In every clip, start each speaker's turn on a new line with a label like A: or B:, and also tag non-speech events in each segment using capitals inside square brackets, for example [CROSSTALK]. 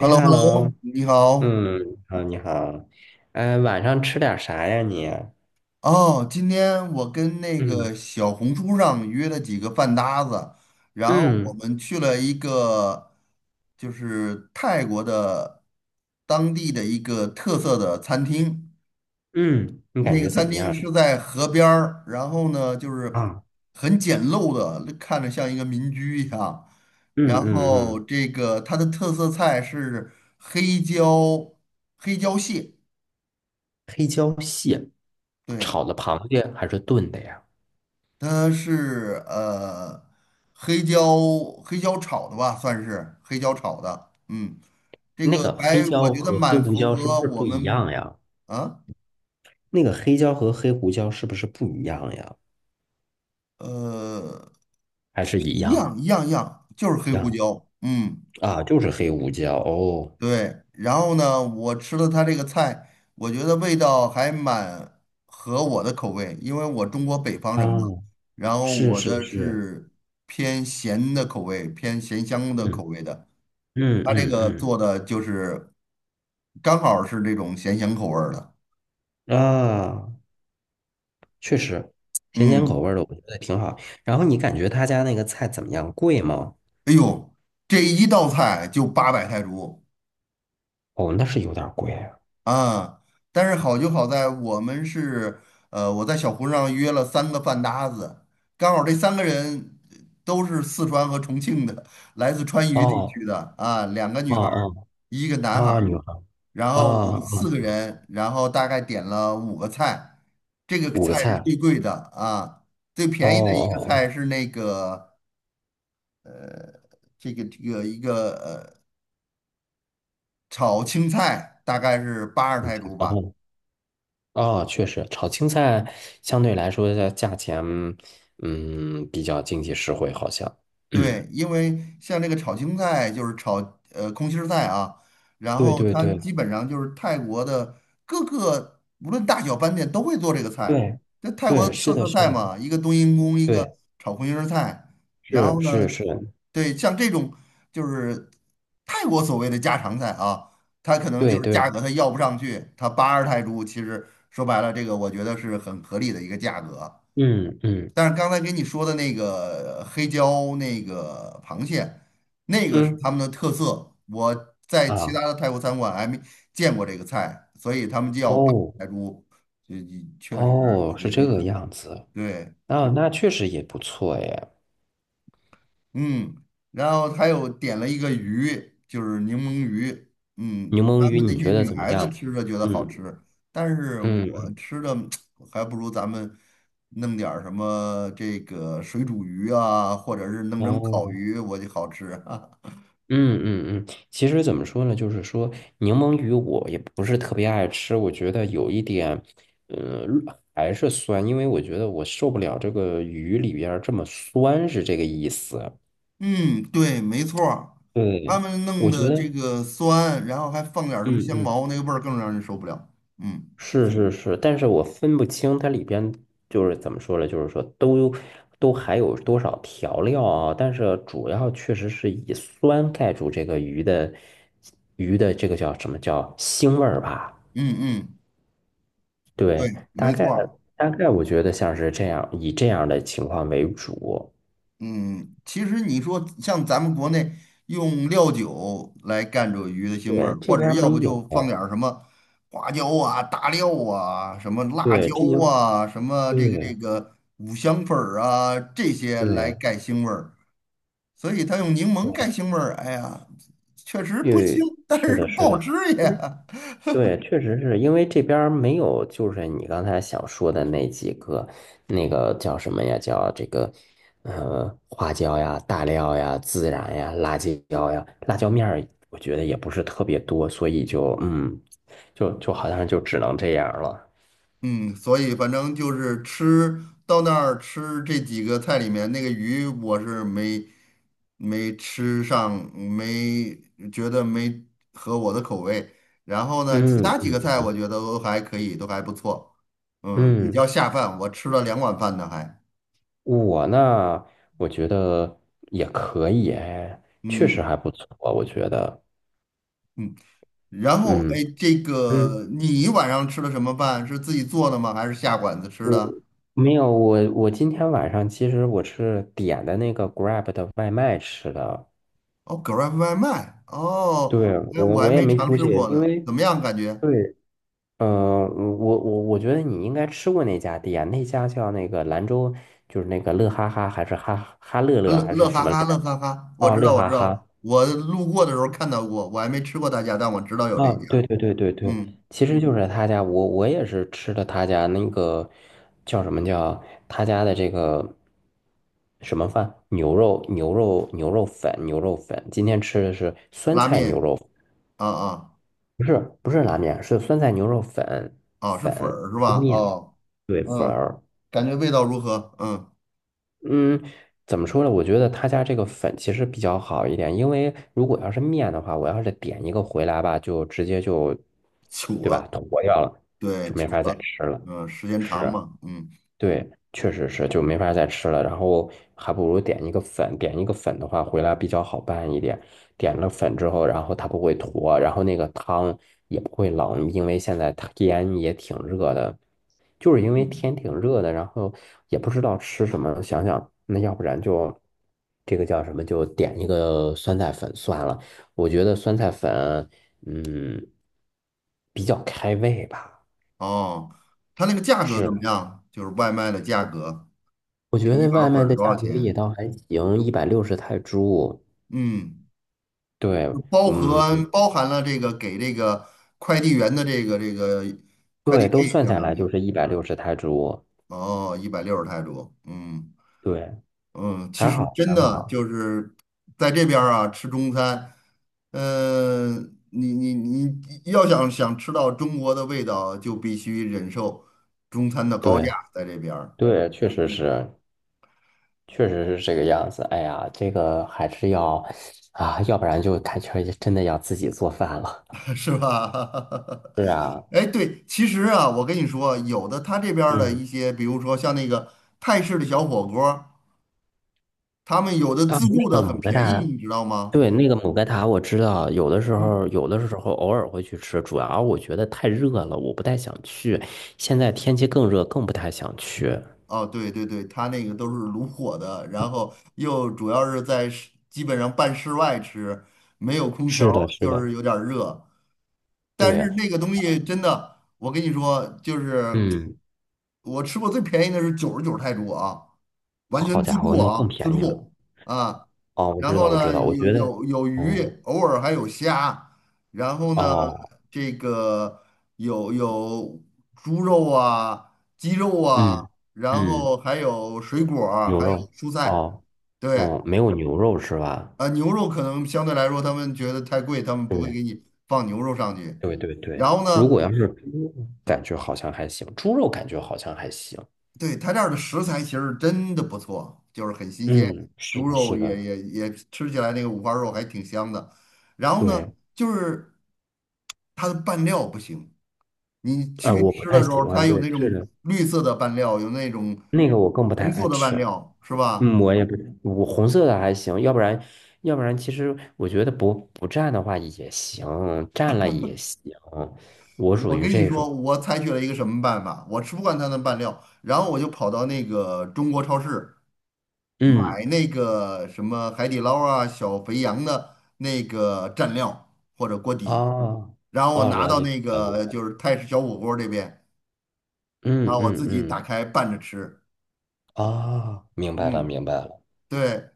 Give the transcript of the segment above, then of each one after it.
A: h e l l o h e l l o
B: ，hello，
A: 你好。
B: 嗯，好，你好，嗯，晚上吃点啥呀你？
A: 哦，今天我跟那
B: 嗯
A: 个小红书上约了几个饭搭子，然后我
B: 嗯
A: 们去了一个就是泰国的当地的一个特色的餐厅。
B: 嗯，你感
A: 那个
B: 觉怎
A: 餐
B: 么样
A: 厅
B: 呀？
A: 是在河边儿，然后呢就是
B: 啊，
A: 很简陋的，看着像一个民居一样。然
B: 嗯嗯
A: 后
B: 嗯，
A: 这个它的特色菜是黑椒黑椒蟹，
B: 黑椒蟹，
A: 对。
B: 炒的螃蟹还是炖的呀？
A: 它是黑椒黑椒炒的吧，算是黑椒炒的。嗯，这
B: 那
A: 个
B: 个黑
A: 还我
B: 椒
A: 觉得
B: 和黑
A: 蛮
B: 胡
A: 符
B: 椒是不
A: 合
B: 是
A: 我
B: 不一
A: 们。
B: 样呀？
A: 啊？
B: 那个黑椒和黑胡椒是不是不一样呀？
A: 呃
B: 还是一
A: 一
B: 样？
A: 样一样一样，就是黑
B: 一
A: 胡
B: 样
A: 椒。嗯，
B: 啊，就是黑胡椒哦。
A: 对。然后呢，我吃了它这个菜，我觉得味道还蛮合我的口味，因为我中国北方
B: 啊，
A: 人嘛，然后
B: 是
A: 我
B: 是
A: 的
B: 是，
A: 是偏咸的口味，偏咸香的口
B: 嗯
A: 味的。他这
B: 嗯
A: 个
B: 嗯
A: 做的就是刚好是这种咸咸口味儿的。
B: 嗯，啊。确实，咸咸口
A: 嗯，
B: 味儿的我觉得挺好。然后你感觉他家那个菜怎么样？贵吗？
A: 哎呦，这一道菜就800泰铢
B: 哦，那是有点儿贵啊。
A: 啊！但是好就好在我们是呃，我在小红书上约了三个饭搭子，刚好这三个人都是四川和重庆的，来自川渝地
B: 哦，
A: 区的啊，两个
B: 哦
A: 女孩儿
B: 哦
A: 一个男孩。
B: 啊，女孩
A: 然
B: 啊
A: 后我们
B: 啊，
A: 四个人，然后大概点了五个菜，这个
B: 五个
A: 菜是
B: 菜。
A: 最贵的啊，最
B: 哦
A: 便宜的一个
B: 哦
A: 菜是那个这个一个炒青菜，大概是80泰铢吧。
B: 哦哦，哦，确实，炒青菜相对来说的价钱，嗯，比较经济实惠，好像。嗯，
A: 对，因为像这个炒青菜就是炒空心儿菜啊，然
B: 对
A: 后
B: 对
A: 它
B: 对
A: 基本上就是泰国的各个无论大小饭店都会做这个菜。
B: 对
A: 这泰国
B: 对，是
A: 特
B: 的，
A: 色
B: 是
A: 菜
B: 的，
A: 嘛，一个冬阴功，一个
B: 对，
A: 炒空心儿菜。然
B: 是
A: 后
B: 是
A: 呢，
B: 是，
A: 对，像这种就是泰国所谓的家常菜啊，它可能
B: 对
A: 就是价
B: 对，
A: 格它要不上去，它82泰铢，其实说白了，这个我觉得是很合理的一个价格。
B: 嗯嗯
A: 但是刚才给你说的那个黑椒那个螃蟹，那个是他
B: 嗯
A: 们的特色。我在其他
B: 啊，
A: 的泰国餐馆还没见过这个菜，所以他们叫八珍
B: 哦。
A: 海珠，这确实
B: 哦，是
A: 有
B: 这
A: 时
B: 个
A: 候
B: 样子，
A: 对。
B: 啊，那确实也不错哎。
A: 嗯，然后他又点了一个鱼，就是柠檬鱼。
B: 柠
A: 嗯，
B: 檬
A: 他
B: 鱼，
A: 们那
B: 你
A: 些
B: 觉得
A: 女
B: 怎么
A: 孩子
B: 样？
A: 吃着觉得好
B: 嗯
A: 吃，但是
B: 嗯
A: 我
B: 嗯，
A: 吃的 [TSK] 还不如咱们弄点儿什么这个水煮鱼啊，或者是弄成烤
B: 哦，
A: 鱼，我就好吃。[LAUGHS]
B: 嗯嗯嗯。其实怎么说呢，就是说柠檬鱼我也不是特别爱吃，我觉得有一点，呃，还是酸，因为我觉得我受不了这个鱼里边儿这么酸，是这个意思。
A: 嗯，对，没错儿，他
B: 对，
A: 们弄
B: 我觉
A: 的这
B: 得，
A: 个酸，然后还放点儿什么
B: 嗯
A: 香
B: 嗯。
A: 茅，那个味儿更让人受不了。嗯
B: 是是是，但是我分不清它里边就是怎么说呢，就是说都还有多少调料啊，但是主要确实是以酸盖住这个鱼的这个叫什么叫腥味儿吧？
A: 嗯嗯，对，
B: 对，大
A: 没
B: 概
A: 错儿。
B: 我觉得像是这样，以这样的情况为主。
A: 嗯，其实你说像咱们国内用料酒来干这鱼的腥味
B: 对，
A: 儿，
B: 这
A: 或
B: 边
A: 者
B: 儿
A: 要
B: 没
A: 不
B: 有。
A: 就放点儿什么花椒啊、大料啊、什么辣
B: 对，
A: 椒
B: 这应
A: 啊、什么这个这
B: 对
A: 个五香粉儿啊这些来
B: 对
A: 盖腥味儿，所以他用柠檬
B: 对，
A: 盖腥味儿，哎呀，确实
B: 因
A: 不腥，
B: 为
A: 但
B: 是
A: 是
B: 的，
A: 不
B: 是
A: 好
B: 的。
A: 吃
B: 因为。
A: 呀。
B: 对，确实是因为这边儿没有，就是你刚才想说的那几个，那个叫什么呀？叫这个，花椒呀、大料呀、孜然呀、辣椒呀、辣椒面儿，我觉得也不是特别多，所以就嗯，就好像就只能这样了。
A: 嗯，所以反正就是吃到那儿吃这几个菜里面那个鱼，我是没吃上，没觉得没合我的口味。然后呢，其
B: 嗯
A: 他几个菜
B: 嗯
A: 我觉得都还可以，都还不错。嗯，比
B: 嗯，
A: 较下饭，我吃了两碗饭呢还。
B: 我呢，我觉得也可以，哎，确实
A: 嗯，
B: 还不错，我觉得，
A: 然后
B: 嗯
A: 哎，这
B: 嗯。
A: 个你晚上吃的什么饭？是自己做的吗？还是下馆子吃
B: 我
A: 的？
B: 没有，我今天晚上其实我是点的那个 Grab 的外卖吃的，
A: 哦，Grab 外卖。哦，
B: 对，
A: 那
B: 我
A: 我还
B: 我也
A: 没
B: 没
A: 尝
B: 出
A: 试
B: 去，
A: 过
B: 因
A: 呢，
B: 为
A: 怎么样感觉？
B: 对，嗯，我觉得你应该吃过那家店，那家叫那个兰州，就是那个乐哈哈还是哈哈乐乐
A: 乐
B: 还是
A: 乐
B: 什
A: 哈
B: 么来
A: 哈，乐
B: 着？
A: 哈哈，我
B: 哦，
A: 知
B: 乐
A: 道，我知
B: 哈哈，
A: 道，我路过的时候看到过，我还没吃过他家，但我知道有这
B: 啊，
A: 一家。
B: 对对对对对，
A: 嗯，
B: 其实就是他家，我也是吃的他家那个叫什么叫他家的这个什么饭，牛肉粉，今天吃的是酸
A: 拉
B: 菜牛
A: 面，
B: 肉，
A: 啊啊
B: 不是不是拉面，是酸菜牛肉粉
A: 啊，是
B: 粉
A: 粉儿是
B: 是
A: 吧？
B: 面，
A: 哦，
B: 对粉
A: 嗯，
B: 儿。
A: 感觉味道如何？嗯，
B: 嗯，怎么说呢？我觉得他家这个粉其实比较好一点，因为如果要是面的话，我要是点一个回来吧，就直接就，
A: 糗
B: 对
A: 了，
B: 吧，坨掉了，
A: 对，
B: 就没
A: 糗
B: 法再
A: 了，
B: 吃了。
A: 嗯，时间长
B: 是，
A: 嘛，嗯
B: 对，确实是，就没法再吃了。然后还不如点一个粉，点一个粉的话，回来比较好拌一点。点了粉之后，然后它不会坨，然后那个汤也不会冷，因为现在天也挺热的，就是因为
A: 嗯，
B: 天挺热的，然后也不知道吃什么，想想那要不然就这个叫什么，就点一个酸菜粉算了。我觉得酸菜粉，嗯，比较开胃吧，
A: 哦，它那个价格怎么
B: 是。
A: 样？就是外卖的价格，
B: 我
A: 这
B: 觉
A: 一
B: 得外
A: 碗粉
B: 卖
A: 儿
B: 的
A: 多少
B: 价格也
A: 钱？
B: 倒还行，一百六十泰铢。
A: 嗯，
B: 对，
A: 就包
B: 嗯，
A: 含包含了这个给这个快递员的这个快递
B: 对，都
A: 费，
B: 算
A: 相
B: 下
A: 当
B: 来就
A: 于。
B: 是一百六十泰铢。
A: 哦，160泰铢，嗯
B: 对，
A: 嗯，
B: 还
A: 其实
B: 好
A: 真
B: 还
A: 的
B: 好。
A: 就是在这边儿啊吃中餐，你要想想吃到中国的味道，就必须忍受中餐的高价，
B: 对
A: 在这边儿
B: 对，确实是，确实是这个样子。哎呀，这个还是要啊，要不然就感觉真的要自己做饭了。
A: [LAUGHS] 是吧？
B: 是啊，
A: [LAUGHS] 哎，对，其实啊，我跟你说，有的他这边儿的
B: 嗯，
A: 一些，比如说像那个泰式的小火锅儿他们有的
B: 到
A: 自
B: 那
A: 助的
B: 个
A: 很
B: 某个
A: 便宜，
B: 大，
A: 你知道吗？
B: 对，那个姆盖塔我知道，有的时候
A: 嗯。
B: 有的时候偶尔会去吃，主要我觉得太热了，我不太想去。现在天气更热，更不太想去。
A: 哦，对对对，它那个都是炉火的，然后又主要是在室基本上半室外吃，没有空
B: 是
A: 调，
B: 的，是
A: 就
B: 的，
A: 是有点儿热。但是
B: 对，
A: 那个东西真的，我跟你说，就是。
B: 嗯，
A: 我吃过最便宜的是99泰铢啊，完
B: 好
A: 全自
B: 家伙，
A: 助
B: 那更
A: 啊，自
B: 便宜了。
A: 助啊。
B: 哦，我
A: 然
B: 知
A: 后
B: 道，我知
A: 呢，
B: 道，我
A: 有
B: 觉得，
A: 有有鱼，
B: 嗯，
A: 偶尔还有虾。然后呢，
B: 哦，
A: 这个有猪肉啊、鸡肉啊，
B: 嗯
A: 然后
B: 嗯，
A: 还有水果儿
B: 牛
A: 还有
B: 肉，
A: 蔬菜。
B: 哦，
A: 对，
B: 哦，没有牛肉是吧？
A: 啊，牛肉可能相对来说他们觉得太贵，他们不会
B: 对
A: 给你放牛肉上去。
B: 对对对，
A: 然后
B: 如果
A: 呢？
B: 要是猪肉，感觉好像还行，猪肉感觉好像还行。
A: 对，他这儿的食材其实真的不错，就是很新鲜，
B: 嗯，是
A: 猪
B: 的，
A: 肉
B: 是
A: 也
B: 的，
A: 也也吃起来那个五花肉还挺香的。然后呢，
B: 对。
A: 就是它的拌料不行，你
B: 啊，
A: 去
B: 我不
A: 吃的
B: 太
A: 时
B: 喜
A: 候，
B: 欢，
A: 它有
B: 对，
A: 那
B: 是
A: 种
B: 的，
A: 绿色的拌料，有那种
B: 那个我更不太
A: 红
B: 爱
A: 色的
B: 吃。
A: 拌料，是吧？
B: 嗯，我也不，我红色的还行，要不然，要不然，其实我觉得不蘸的话也行，蘸了也行，我属
A: 我
B: 于
A: 跟你
B: 这
A: 说，
B: 种。
A: 我采取了一个什么办法，我吃不惯它的拌料，然后我就跑到那个中国超市。买
B: 嗯，
A: 那个什么海底捞啊、小肥羊的那个蘸料或者锅
B: 啊，
A: 底，然后我
B: 哦，
A: 拿
B: 了
A: 到
B: 解
A: 那
B: 了解
A: 个
B: 了，
A: 就是泰式小火锅这边，然
B: 嗯
A: 后我
B: 嗯
A: 自己
B: 嗯，
A: 打开拌着吃。
B: 啊，明白了
A: 嗯，
B: 明白了，
A: 对，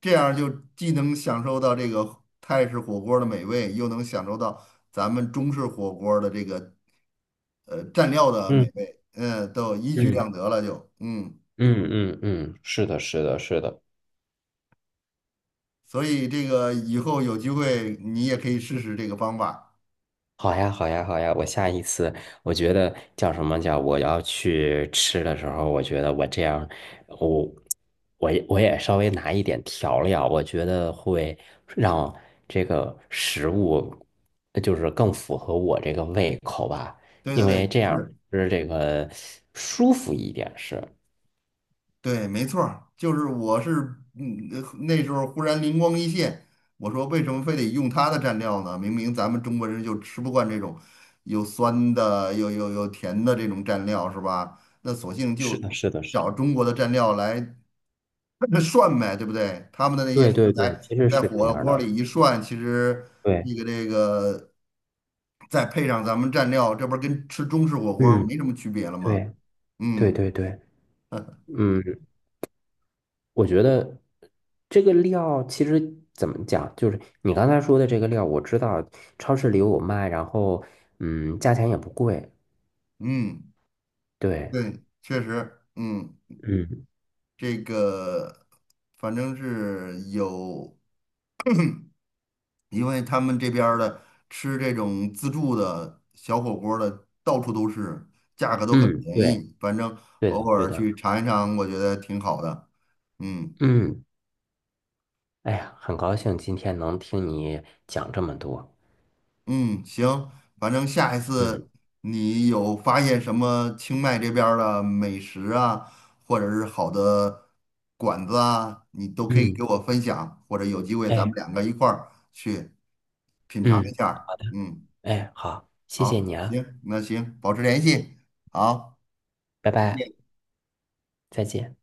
A: 这样就既能享受到这个泰式火锅的美味，又能享受到咱们中式火锅的这个蘸料的
B: 嗯
A: 美味，嗯，都一举
B: 嗯
A: 两得了就，嗯，
B: 嗯嗯嗯，是的，是的，是的。
A: 所以这个以后有机会你也可以试试这个方法。
B: 好呀，好呀，好呀！我下一次，我觉得叫什么叫我要去吃的时候，我觉得我这样，我我也稍微拿一点调料，我觉得会让这个食物就是更符合我这个胃口吧，
A: 对
B: 因
A: 对
B: 为
A: 对，
B: 这样
A: 是。
B: 吃这个舒服一点是。
A: 对，没错儿，就是我是，那时候忽然灵光一现，我说为什么非得用它的蘸料呢？明明咱们中国人就吃不惯这种有酸的、有甜的这种蘸料，是吧？那索性
B: 是
A: 就
B: 的，是的，是
A: 找
B: 的。
A: 中国的蘸料来 [LAUGHS] 涮呗，对不对？他们的那些
B: 对
A: 食
B: 对对，
A: 材
B: 其实
A: 在
B: 是这
A: 火
B: 样
A: 锅
B: 的。
A: 里一涮，其实
B: 对，
A: 那个这个再配上咱们蘸料，这不是跟吃中式火锅
B: 嗯，
A: 没什么区别了吗？
B: 对对
A: 嗯
B: 对对，嗯。我觉得这个料其实怎么讲，就是你刚才说的这个料，我知道超市里有卖，然后嗯，价钱也不贵。
A: 嗯。
B: 对，
A: 对，确实，嗯，
B: 嗯
A: 这个反正是有，因为他们这边儿的吃这种自助的小火锅儿的到处都是，价格都很
B: 嗯，
A: 便
B: 对，
A: 宜，反正
B: 对
A: 偶
B: 的，对
A: 尔
B: 的，
A: 去尝一尝，我觉得挺好的。嗯。
B: 嗯，哎呀，很高兴今天能听你讲这么多。
A: 嗯，行，反正下一次
B: 嗯
A: 你有发现什么清迈这边儿的美食啊，或者是好的馆子啊，你都可以给
B: 嗯，
A: 我分享，或者有机会咱们
B: 哎
A: 两个一块儿去品尝一
B: 嗯
A: 下儿嗯，
B: 哎，好，谢谢你
A: 好，
B: 啊，
A: 行，那行，保持联系，好。
B: 拜
A: 再
B: 拜，
A: 见。
B: 再见。